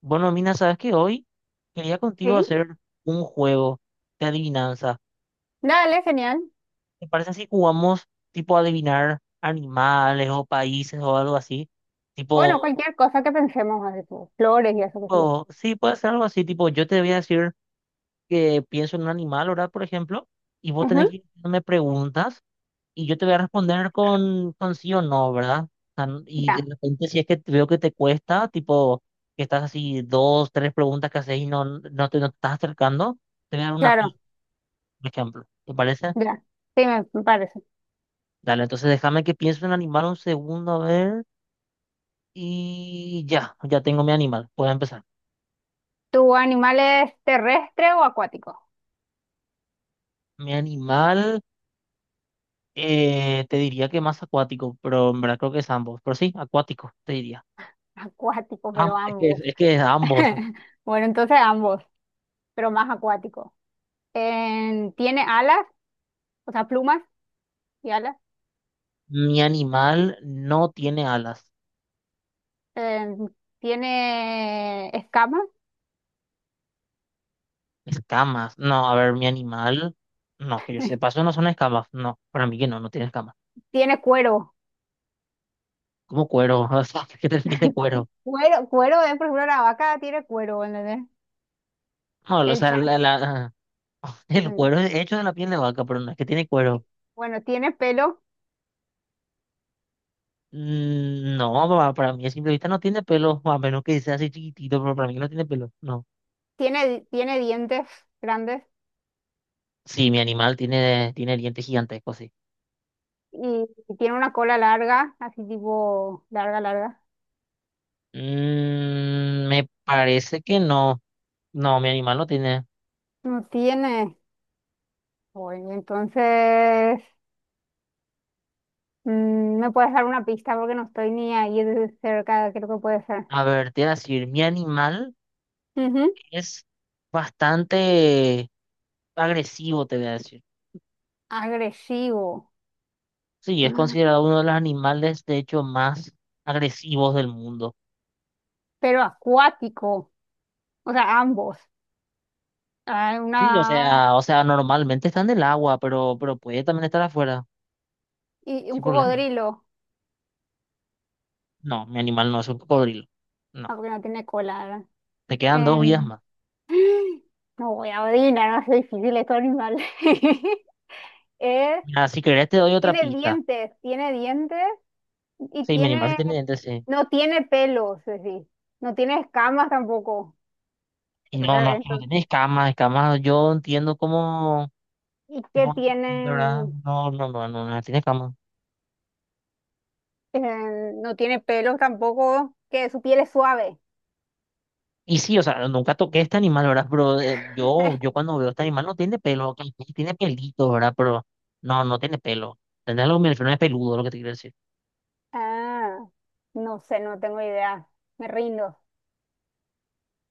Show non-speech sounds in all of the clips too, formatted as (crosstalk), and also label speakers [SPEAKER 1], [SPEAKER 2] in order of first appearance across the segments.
[SPEAKER 1] Bueno, Mina, sabes que hoy quería contigo
[SPEAKER 2] Sí,
[SPEAKER 1] hacer un juego de adivinanza.
[SPEAKER 2] dale, genial.
[SPEAKER 1] ¿Te parece si jugamos tipo adivinar animales o países o algo así?
[SPEAKER 2] Bueno,
[SPEAKER 1] Tipo,
[SPEAKER 2] cualquier cosa que pensemos, así como flores y eso que sea.
[SPEAKER 1] tipo, sí, puede ser algo así, tipo, yo te voy a decir que pienso en un animal, ¿verdad? Por ejemplo, y vos tenés
[SPEAKER 2] Ujú.
[SPEAKER 1] que ir haciéndome preguntas y yo te voy a responder con sí o no, ¿verdad? O sea, y de
[SPEAKER 2] Ya,
[SPEAKER 1] repente si es que veo que te cuesta, tipo, que estás así 2, 3 preguntas que haces y no te estás acercando, te voy a dar una
[SPEAKER 2] claro,
[SPEAKER 1] pista. Por ejemplo. ¿Te parece?
[SPEAKER 2] ya. Sí, me parece.
[SPEAKER 1] Dale, entonces déjame que piense en animal un segundo, a ver. Y ya tengo mi animal. Puedo empezar.
[SPEAKER 2] ¿Tu animal es terrestre o acuático?
[SPEAKER 1] Mi animal, te diría que más acuático, pero en verdad creo que es ambos. Pero sí, acuático, te diría.
[SPEAKER 2] (laughs) Acuático, pero
[SPEAKER 1] Ambos,
[SPEAKER 2] ambos.
[SPEAKER 1] es que es ambos.
[SPEAKER 2] (laughs) Bueno, entonces ambos, pero más acuático. ¿Tiene alas? O sea, plumas y alas.
[SPEAKER 1] Mi animal no tiene alas,
[SPEAKER 2] Em, ¿Tiene escamas?
[SPEAKER 1] escamas. No, a ver, mi animal, no, que yo sepa, eso no son escamas. No, para mí que no, no tiene escamas.
[SPEAKER 2] Tiene cuero.
[SPEAKER 1] Como cuero, (laughs) o sea, ¿qué te de
[SPEAKER 2] (laughs)
[SPEAKER 1] cuero?
[SPEAKER 2] Cuero, cuero, por ejemplo, la vaca tiene cuero, ¿entendés?
[SPEAKER 1] No, o
[SPEAKER 2] El
[SPEAKER 1] sea,
[SPEAKER 2] chat.
[SPEAKER 1] la. (laughs) El cuero es hecho de la piel de vaca, pero no es que tiene cuero.
[SPEAKER 2] Bueno, tiene pelo.
[SPEAKER 1] Mm, no, papá, para mí a simple vista no tiene pelo, (laughs) a menos que sea así chiquitito, pero para mí no tiene pelo. No.
[SPEAKER 2] Tiene dientes grandes,
[SPEAKER 1] Sí, mi animal tiene dientes gigantescos, sí.
[SPEAKER 2] y tiene una cola larga, así tipo larga, larga.
[SPEAKER 1] Mm, me parece que no. No, mi animal no tiene.
[SPEAKER 2] No tiene. Bueno, entonces, ¿me puedes dar una pista? Porque no estoy ni ahí de cerca, creo que puede ser.
[SPEAKER 1] A ver, te voy a decir, mi animal
[SPEAKER 2] Ujú.
[SPEAKER 1] es bastante agresivo, te voy a decir.
[SPEAKER 2] Agresivo.
[SPEAKER 1] Sí, es
[SPEAKER 2] Ah,
[SPEAKER 1] considerado uno de los animales, de hecho, más agresivos del mundo.
[SPEAKER 2] pero acuático, o sea, ambos. Ah, una.
[SPEAKER 1] Sí, o sea, normalmente está en el agua, pero puede también estar afuera,
[SPEAKER 2] ¿Y un
[SPEAKER 1] sin problema.
[SPEAKER 2] cocodrilo?
[SPEAKER 1] No, mi animal no es un cocodrilo. No,
[SPEAKER 2] Ah, porque no tiene cola, ¿verdad?
[SPEAKER 1] te quedan 2 vidas
[SPEAKER 2] Em,
[SPEAKER 1] más.
[SPEAKER 2] (gasps) no voy a odiar, no es difícil estos animales. (laughs) Es.
[SPEAKER 1] Mira, si querés te doy otra
[SPEAKER 2] Tiene
[SPEAKER 1] pista.
[SPEAKER 2] dientes, tiene dientes y
[SPEAKER 1] Sí, mi animal sí
[SPEAKER 2] tiene,
[SPEAKER 1] tiene dientes, sí.
[SPEAKER 2] no tiene pelos, es decir, no tiene escamas tampoco.
[SPEAKER 1] Y
[SPEAKER 2] Pero que
[SPEAKER 1] no, no tiene
[SPEAKER 2] entonces-
[SPEAKER 1] escamas, escamas, yo entiendo cómo,
[SPEAKER 2] y que
[SPEAKER 1] tipo, no entiendo, ¿verdad?
[SPEAKER 2] tiene,
[SPEAKER 1] No, no tiene escamas.
[SPEAKER 2] no tiene pelos tampoco, que su piel es suave.
[SPEAKER 1] Y sí, o sea, nunca toqué este animal, ¿verdad? Pero yo
[SPEAKER 2] (laughs)
[SPEAKER 1] cuando veo este animal no tiene pelo, ok, sí tiene pelitos, ¿verdad? Pero no, no tiene pelo. Tendrá lo que me refiero, no es peludo, lo que te quiero decir.
[SPEAKER 2] Ah, no sé, no tengo idea. Me rindo.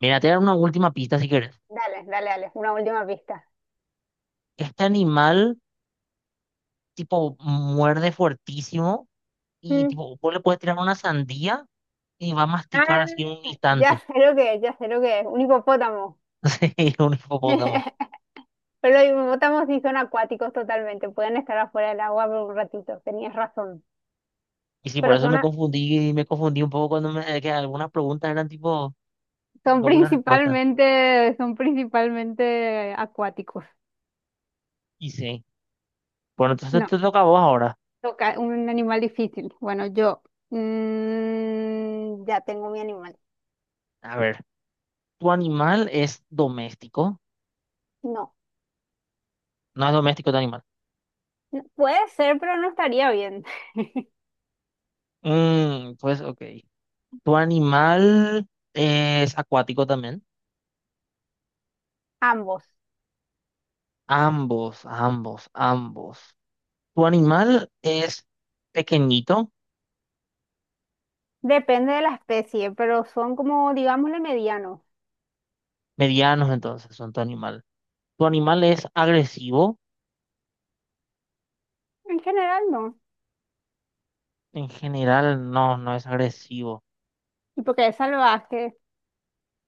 [SPEAKER 1] Mira, te voy a dar una última pista si querés.
[SPEAKER 2] Dale, dale, dale, una última pista.
[SPEAKER 1] Este animal, tipo, muerde fuertísimo y,
[SPEAKER 2] Mm.
[SPEAKER 1] tipo, vos le puedes tirar una sandía y va a masticar
[SPEAKER 2] Ah,
[SPEAKER 1] así en un
[SPEAKER 2] ya
[SPEAKER 1] instante.
[SPEAKER 2] sé lo que es, ya sé lo que es, un hipopótamo.
[SPEAKER 1] (laughs) Sí, un hipopótamo.
[SPEAKER 2] (laughs) Pero los hipopótamos sí son acuáticos totalmente, pueden estar afuera del agua por un ratito, tenías razón.
[SPEAKER 1] Y sí, por
[SPEAKER 2] Pero
[SPEAKER 1] eso
[SPEAKER 2] son, a-
[SPEAKER 1] me confundí un poco cuando me, que algunas preguntas eran tipo
[SPEAKER 2] son
[SPEAKER 1] doble respuesta.
[SPEAKER 2] principalmente, son principalmente acuáticos.
[SPEAKER 1] Y sí. Bueno, entonces
[SPEAKER 2] No,
[SPEAKER 1] te toca a vos ahora.
[SPEAKER 2] toca un animal difícil. Bueno, yo ya tengo mi animal.
[SPEAKER 1] A ver, ¿tu animal es doméstico?
[SPEAKER 2] No,
[SPEAKER 1] No es doméstico tu animal.
[SPEAKER 2] no, puede ser, pero no estaría bien. (laughs)
[SPEAKER 1] Mm, pues, ok. ¿Tu animal es acuático también?
[SPEAKER 2] Ambos.
[SPEAKER 1] Ambos. ¿Tu animal es pequeñito?
[SPEAKER 2] Depende de la especie, pero son como, digámosle, medianos.
[SPEAKER 1] Medianos entonces son tu animal. ¿Tu animal es agresivo?
[SPEAKER 2] En general no.
[SPEAKER 1] En general, no, no es agresivo.
[SPEAKER 2] Y porque es salvaje.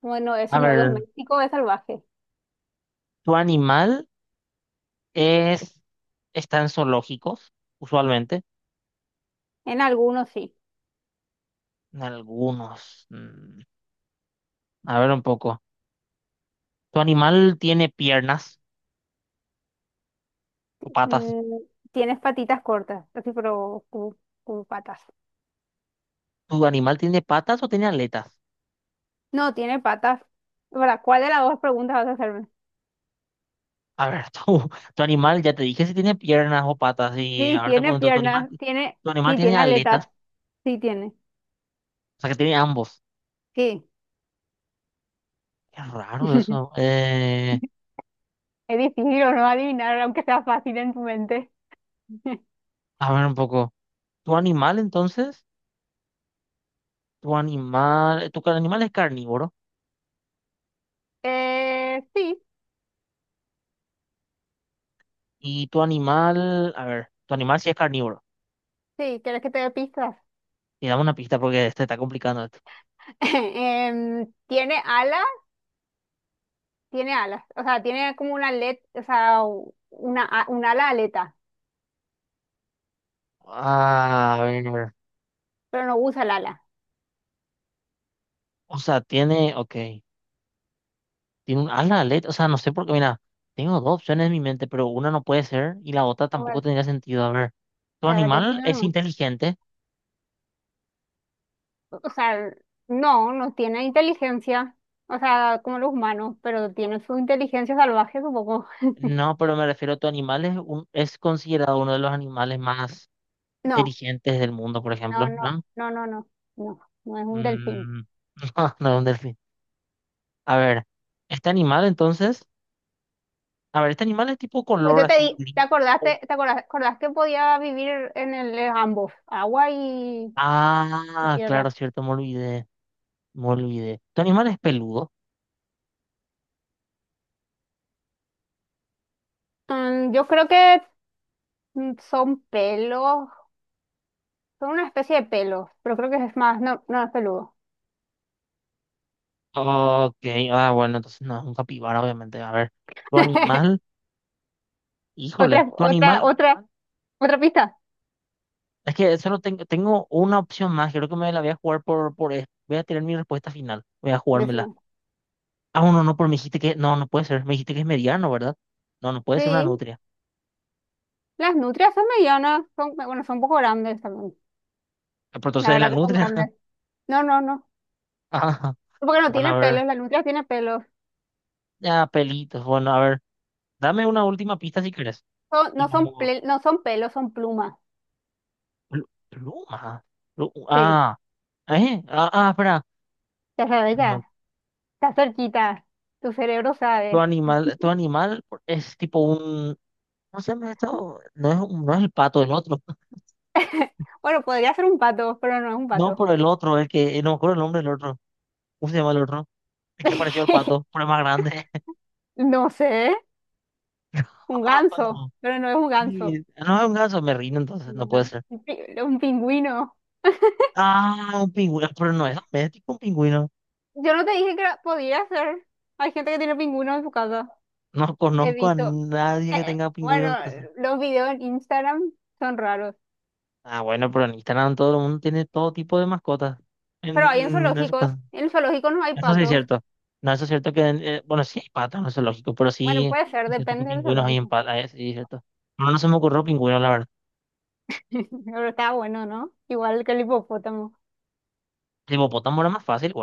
[SPEAKER 2] Bueno, es, si
[SPEAKER 1] A
[SPEAKER 2] no es
[SPEAKER 1] ver,
[SPEAKER 2] doméstico, es salvaje.
[SPEAKER 1] ¿tu animal es, está en zoológicos? Usualmente,
[SPEAKER 2] En algunos sí.
[SPEAKER 1] en algunos. A ver un poco. ¿Tu animal tiene piernas o patas?
[SPEAKER 2] Mm, Tienes patitas cortas, así, pero como patas.
[SPEAKER 1] ¿Tu animal tiene patas o tiene aletas?
[SPEAKER 2] No, tiene patas. ¿Para cuál de las dos preguntas vas a hacerme?
[SPEAKER 1] A ver, (laughs) tu animal, ya te dije si tiene piernas o patas, y
[SPEAKER 2] Sí,
[SPEAKER 1] ahora te
[SPEAKER 2] tiene
[SPEAKER 1] pregunto,
[SPEAKER 2] piernas, tiene,
[SPEAKER 1] ¿tu animal
[SPEAKER 2] sí,
[SPEAKER 1] tiene
[SPEAKER 2] tiene
[SPEAKER 1] aletas?
[SPEAKER 2] aletas, sí tiene.
[SPEAKER 1] O sea, que tiene ambos.
[SPEAKER 2] Sí.
[SPEAKER 1] Qué raro eso.
[SPEAKER 2] (laughs) Es difícil o no adivinar, aunque sea fácil en tu mente. (laughs)
[SPEAKER 1] A ver un poco. ¿Tu animal entonces? ¿Tu animal es carnívoro?
[SPEAKER 2] Sí,
[SPEAKER 1] Y tu animal, a ver, tu animal sí es carnívoro.
[SPEAKER 2] sí, ¿quieres que te dé pistas?
[SPEAKER 1] Y dame una pista porque este está complicando esto.
[SPEAKER 2] (laughs) Tiene alas, tiene alas, o sea, tiene como una aleta, o sea, un ala aleta,
[SPEAKER 1] Ah, a ver.
[SPEAKER 2] pero no usa el ala.
[SPEAKER 1] O sea, tiene, ok. Tiene un ala de aleta. O sea, no sé por qué, mira, tengo dos opciones en mi mente, pero una no puede ser y la otra
[SPEAKER 2] A
[SPEAKER 1] tampoco
[SPEAKER 2] ver,
[SPEAKER 1] tendría sentido. A ver, ¿tu
[SPEAKER 2] a ver,
[SPEAKER 1] animal es
[SPEAKER 2] decime,
[SPEAKER 1] inteligente?
[SPEAKER 2] o sea, no, no tiene inteligencia, o sea, como los humanos, pero tiene su inteligencia salvaje, supongo.
[SPEAKER 1] No, pero me refiero a tu animal es, es considerado uno de los animales más
[SPEAKER 2] (laughs)
[SPEAKER 1] inteligentes del mundo, por
[SPEAKER 2] No,
[SPEAKER 1] ejemplo,
[SPEAKER 2] no,
[SPEAKER 1] ¿no?
[SPEAKER 2] no, no, no, no, no, no es un delfín.
[SPEAKER 1] Mm, (laughs) no, no, un delfín. A ver, este animal entonces, a ver, este animal es tipo
[SPEAKER 2] Pues
[SPEAKER 1] color
[SPEAKER 2] yo te
[SPEAKER 1] así
[SPEAKER 2] di,
[SPEAKER 1] gris.
[SPEAKER 2] ¿te acordaste, te acorda- acordás, que podía vivir en el en ambos, agua y
[SPEAKER 1] Ah, claro,
[SPEAKER 2] tierra?
[SPEAKER 1] cierto, me olvidé, me olvidé. ¿Tu animal es peludo?
[SPEAKER 2] Yo creo que son pelos, son una especie de pelos, pero creo que es más, no, no es peludo.
[SPEAKER 1] Ok, ah, bueno, entonces no, es un capibara, obviamente. A ver, tu animal,
[SPEAKER 2] (laughs)
[SPEAKER 1] híjole,
[SPEAKER 2] Otra,
[SPEAKER 1] tu
[SPEAKER 2] otra,
[SPEAKER 1] animal,
[SPEAKER 2] otra, otra pista,
[SPEAKER 1] es que solo tengo una opción más, creo que me la voy a jugar por. Voy a tener mi respuesta final, voy a jugármela.
[SPEAKER 2] decimos.
[SPEAKER 1] Ah, no, pero me dijiste que. No, no puede ser. Me dijiste que es mediano, ¿verdad? No, no puede ser una
[SPEAKER 2] Sí,
[SPEAKER 1] nutria.
[SPEAKER 2] las nutrias son medianas, son, bueno, son un poco grandes también.
[SPEAKER 1] Ah, pero
[SPEAKER 2] La
[SPEAKER 1] entonces es
[SPEAKER 2] verdad
[SPEAKER 1] la
[SPEAKER 2] que son
[SPEAKER 1] nutria.
[SPEAKER 2] grandes.
[SPEAKER 1] (laughs)
[SPEAKER 2] No, no, no.
[SPEAKER 1] Ah,
[SPEAKER 2] Porque no
[SPEAKER 1] bueno,
[SPEAKER 2] tiene
[SPEAKER 1] a ver.
[SPEAKER 2] pelos, la nutria tiene pelos.
[SPEAKER 1] Ya, pelitos. Bueno, a ver. Dame una última pista si quieres.
[SPEAKER 2] Son-
[SPEAKER 1] Y
[SPEAKER 2] no son
[SPEAKER 1] vamos.
[SPEAKER 2] ple- no son pelos, son plumas.
[SPEAKER 1] Pluma.
[SPEAKER 2] Sí,
[SPEAKER 1] Ah, ¿eh? Ah, espera.
[SPEAKER 2] ya sabes,
[SPEAKER 1] No,
[SPEAKER 2] ya. Está cerquita. Tu cerebro
[SPEAKER 1] tu
[SPEAKER 2] sabe.
[SPEAKER 1] animal, tu animal es tipo un. No sé, esto no es, no es el pato, el otro.
[SPEAKER 2] (laughs) Bueno, podría ser un pato, pero no es un
[SPEAKER 1] No,
[SPEAKER 2] pato.
[SPEAKER 1] pero el otro, el que. No me acuerdo el nombre del otro. ¿Cómo se llama el otro? El que pareció al pato,
[SPEAKER 2] (laughs)
[SPEAKER 1] pero es más grande.
[SPEAKER 2] No sé, un
[SPEAKER 1] (laughs)
[SPEAKER 2] ganso,
[SPEAKER 1] No,
[SPEAKER 2] pero no es un ganso.
[SPEAKER 1] sí, no es un ganso, me rindo entonces, no
[SPEAKER 2] No,
[SPEAKER 1] puede ser.
[SPEAKER 2] un pingüino.
[SPEAKER 1] Ah, un pingüino, pero no es doméstico un pingüino.
[SPEAKER 2] Yo no te dije que podía ser. Hay gente que tiene pingüinos en su casa.
[SPEAKER 1] No
[SPEAKER 2] He
[SPEAKER 1] conozco a
[SPEAKER 2] visto.
[SPEAKER 1] nadie que tenga pingüino
[SPEAKER 2] Bueno,
[SPEAKER 1] en casa.
[SPEAKER 2] los videos en Instagram son raros,
[SPEAKER 1] Ah, bueno, pero en Instagram todo el mundo tiene todo tipo de mascotas
[SPEAKER 2] pero
[SPEAKER 1] en,
[SPEAKER 2] hay en
[SPEAKER 1] en su
[SPEAKER 2] zoológicos.
[SPEAKER 1] casa.
[SPEAKER 2] En el zoológico no hay
[SPEAKER 1] Eso sí es
[SPEAKER 2] patos.
[SPEAKER 1] cierto. No, eso es cierto que, bueno, sí hay patas, no es lógico, pero
[SPEAKER 2] Bueno,
[SPEAKER 1] sí
[SPEAKER 2] puede ser,
[SPEAKER 1] es cierto que
[SPEAKER 2] depende del
[SPEAKER 1] pingüinos hay en
[SPEAKER 2] zoológico.
[SPEAKER 1] patas, sí es cierto. No, no se me ocurrió pingüino, la verdad.
[SPEAKER 2] (laughs) Pero está bueno, ¿no? Igual que el hipopótamo.
[SPEAKER 1] El hipopótamo era más fácil.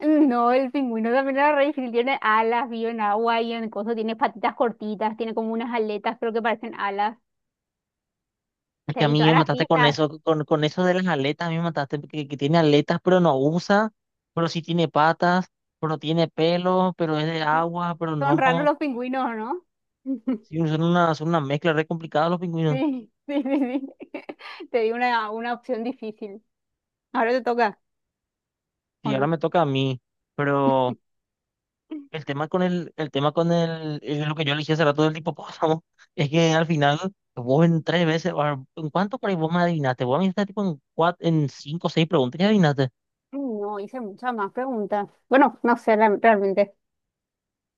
[SPEAKER 2] No, el pingüino también era re difícil. Tiene alas, vive en agua y en cosas. Tiene patitas cortitas, tiene como unas aletas, creo que parecen alas.
[SPEAKER 1] Es
[SPEAKER 2] Sí,
[SPEAKER 1] que a
[SPEAKER 2] y
[SPEAKER 1] mí
[SPEAKER 2] todas
[SPEAKER 1] me
[SPEAKER 2] las
[SPEAKER 1] mataste con
[SPEAKER 2] pistas.
[SPEAKER 1] eso, con eso de las aletas, a mí me mataste que tiene aletas, pero no usa, pero sí tiene patas, pero tiene pelo, pero es de
[SPEAKER 2] Son,
[SPEAKER 1] agua, pero
[SPEAKER 2] son raros
[SPEAKER 1] no.
[SPEAKER 2] los pingüinos, ¿no? (laughs)
[SPEAKER 1] Sí, son una mezcla re complicada los pingüinos.
[SPEAKER 2] Sí, sí, sí, sí. (laughs) Te di una opción difícil. Ahora te toca, ¿o
[SPEAKER 1] Y ahora
[SPEAKER 2] no?
[SPEAKER 1] me toca a mí. Pero el tema con el, es lo que yo elegí hace rato del hipopótamo, (laughs) es que al final vos en 3 veces, o sea, ¿en cuánto por ahí vos me adivinaste? Vos me adivinaste tipo en 4, en 5 o 6 preguntas y adivinaste.
[SPEAKER 2] No, hice muchas más preguntas. Bueno, no sé realmente.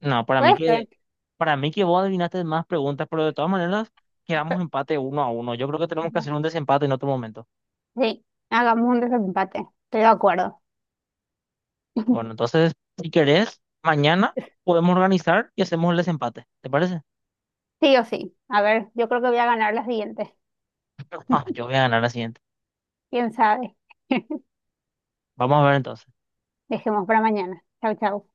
[SPEAKER 1] No, para mí
[SPEAKER 2] Puede
[SPEAKER 1] que.
[SPEAKER 2] ser.
[SPEAKER 1] Para mí que vos adivinaste más preguntas, pero de todas maneras quedamos
[SPEAKER 2] Pe-
[SPEAKER 1] empate 1 a 1. Yo creo que tenemos que hacer un desempate en otro momento.
[SPEAKER 2] Sí, hagamos un desempate. Estoy de acuerdo.
[SPEAKER 1] Bueno, entonces, si querés, mañana podemos organizar y hacemos el desempate. ¿Te parece?
[SPEAKER 2] Sí o sí. A ver, yo creo que voy a ganar las siguientes.
[SPEAKER 1] (laughs) Ah, yo voy a ganar la siguiente.
[SPEAKER 2] ¿Quién sabe? (laughs)
[SPEAKER 1] Vamos a ver entonces.
[SPEAKER 2] Dejemos para mañana. Chau, chau.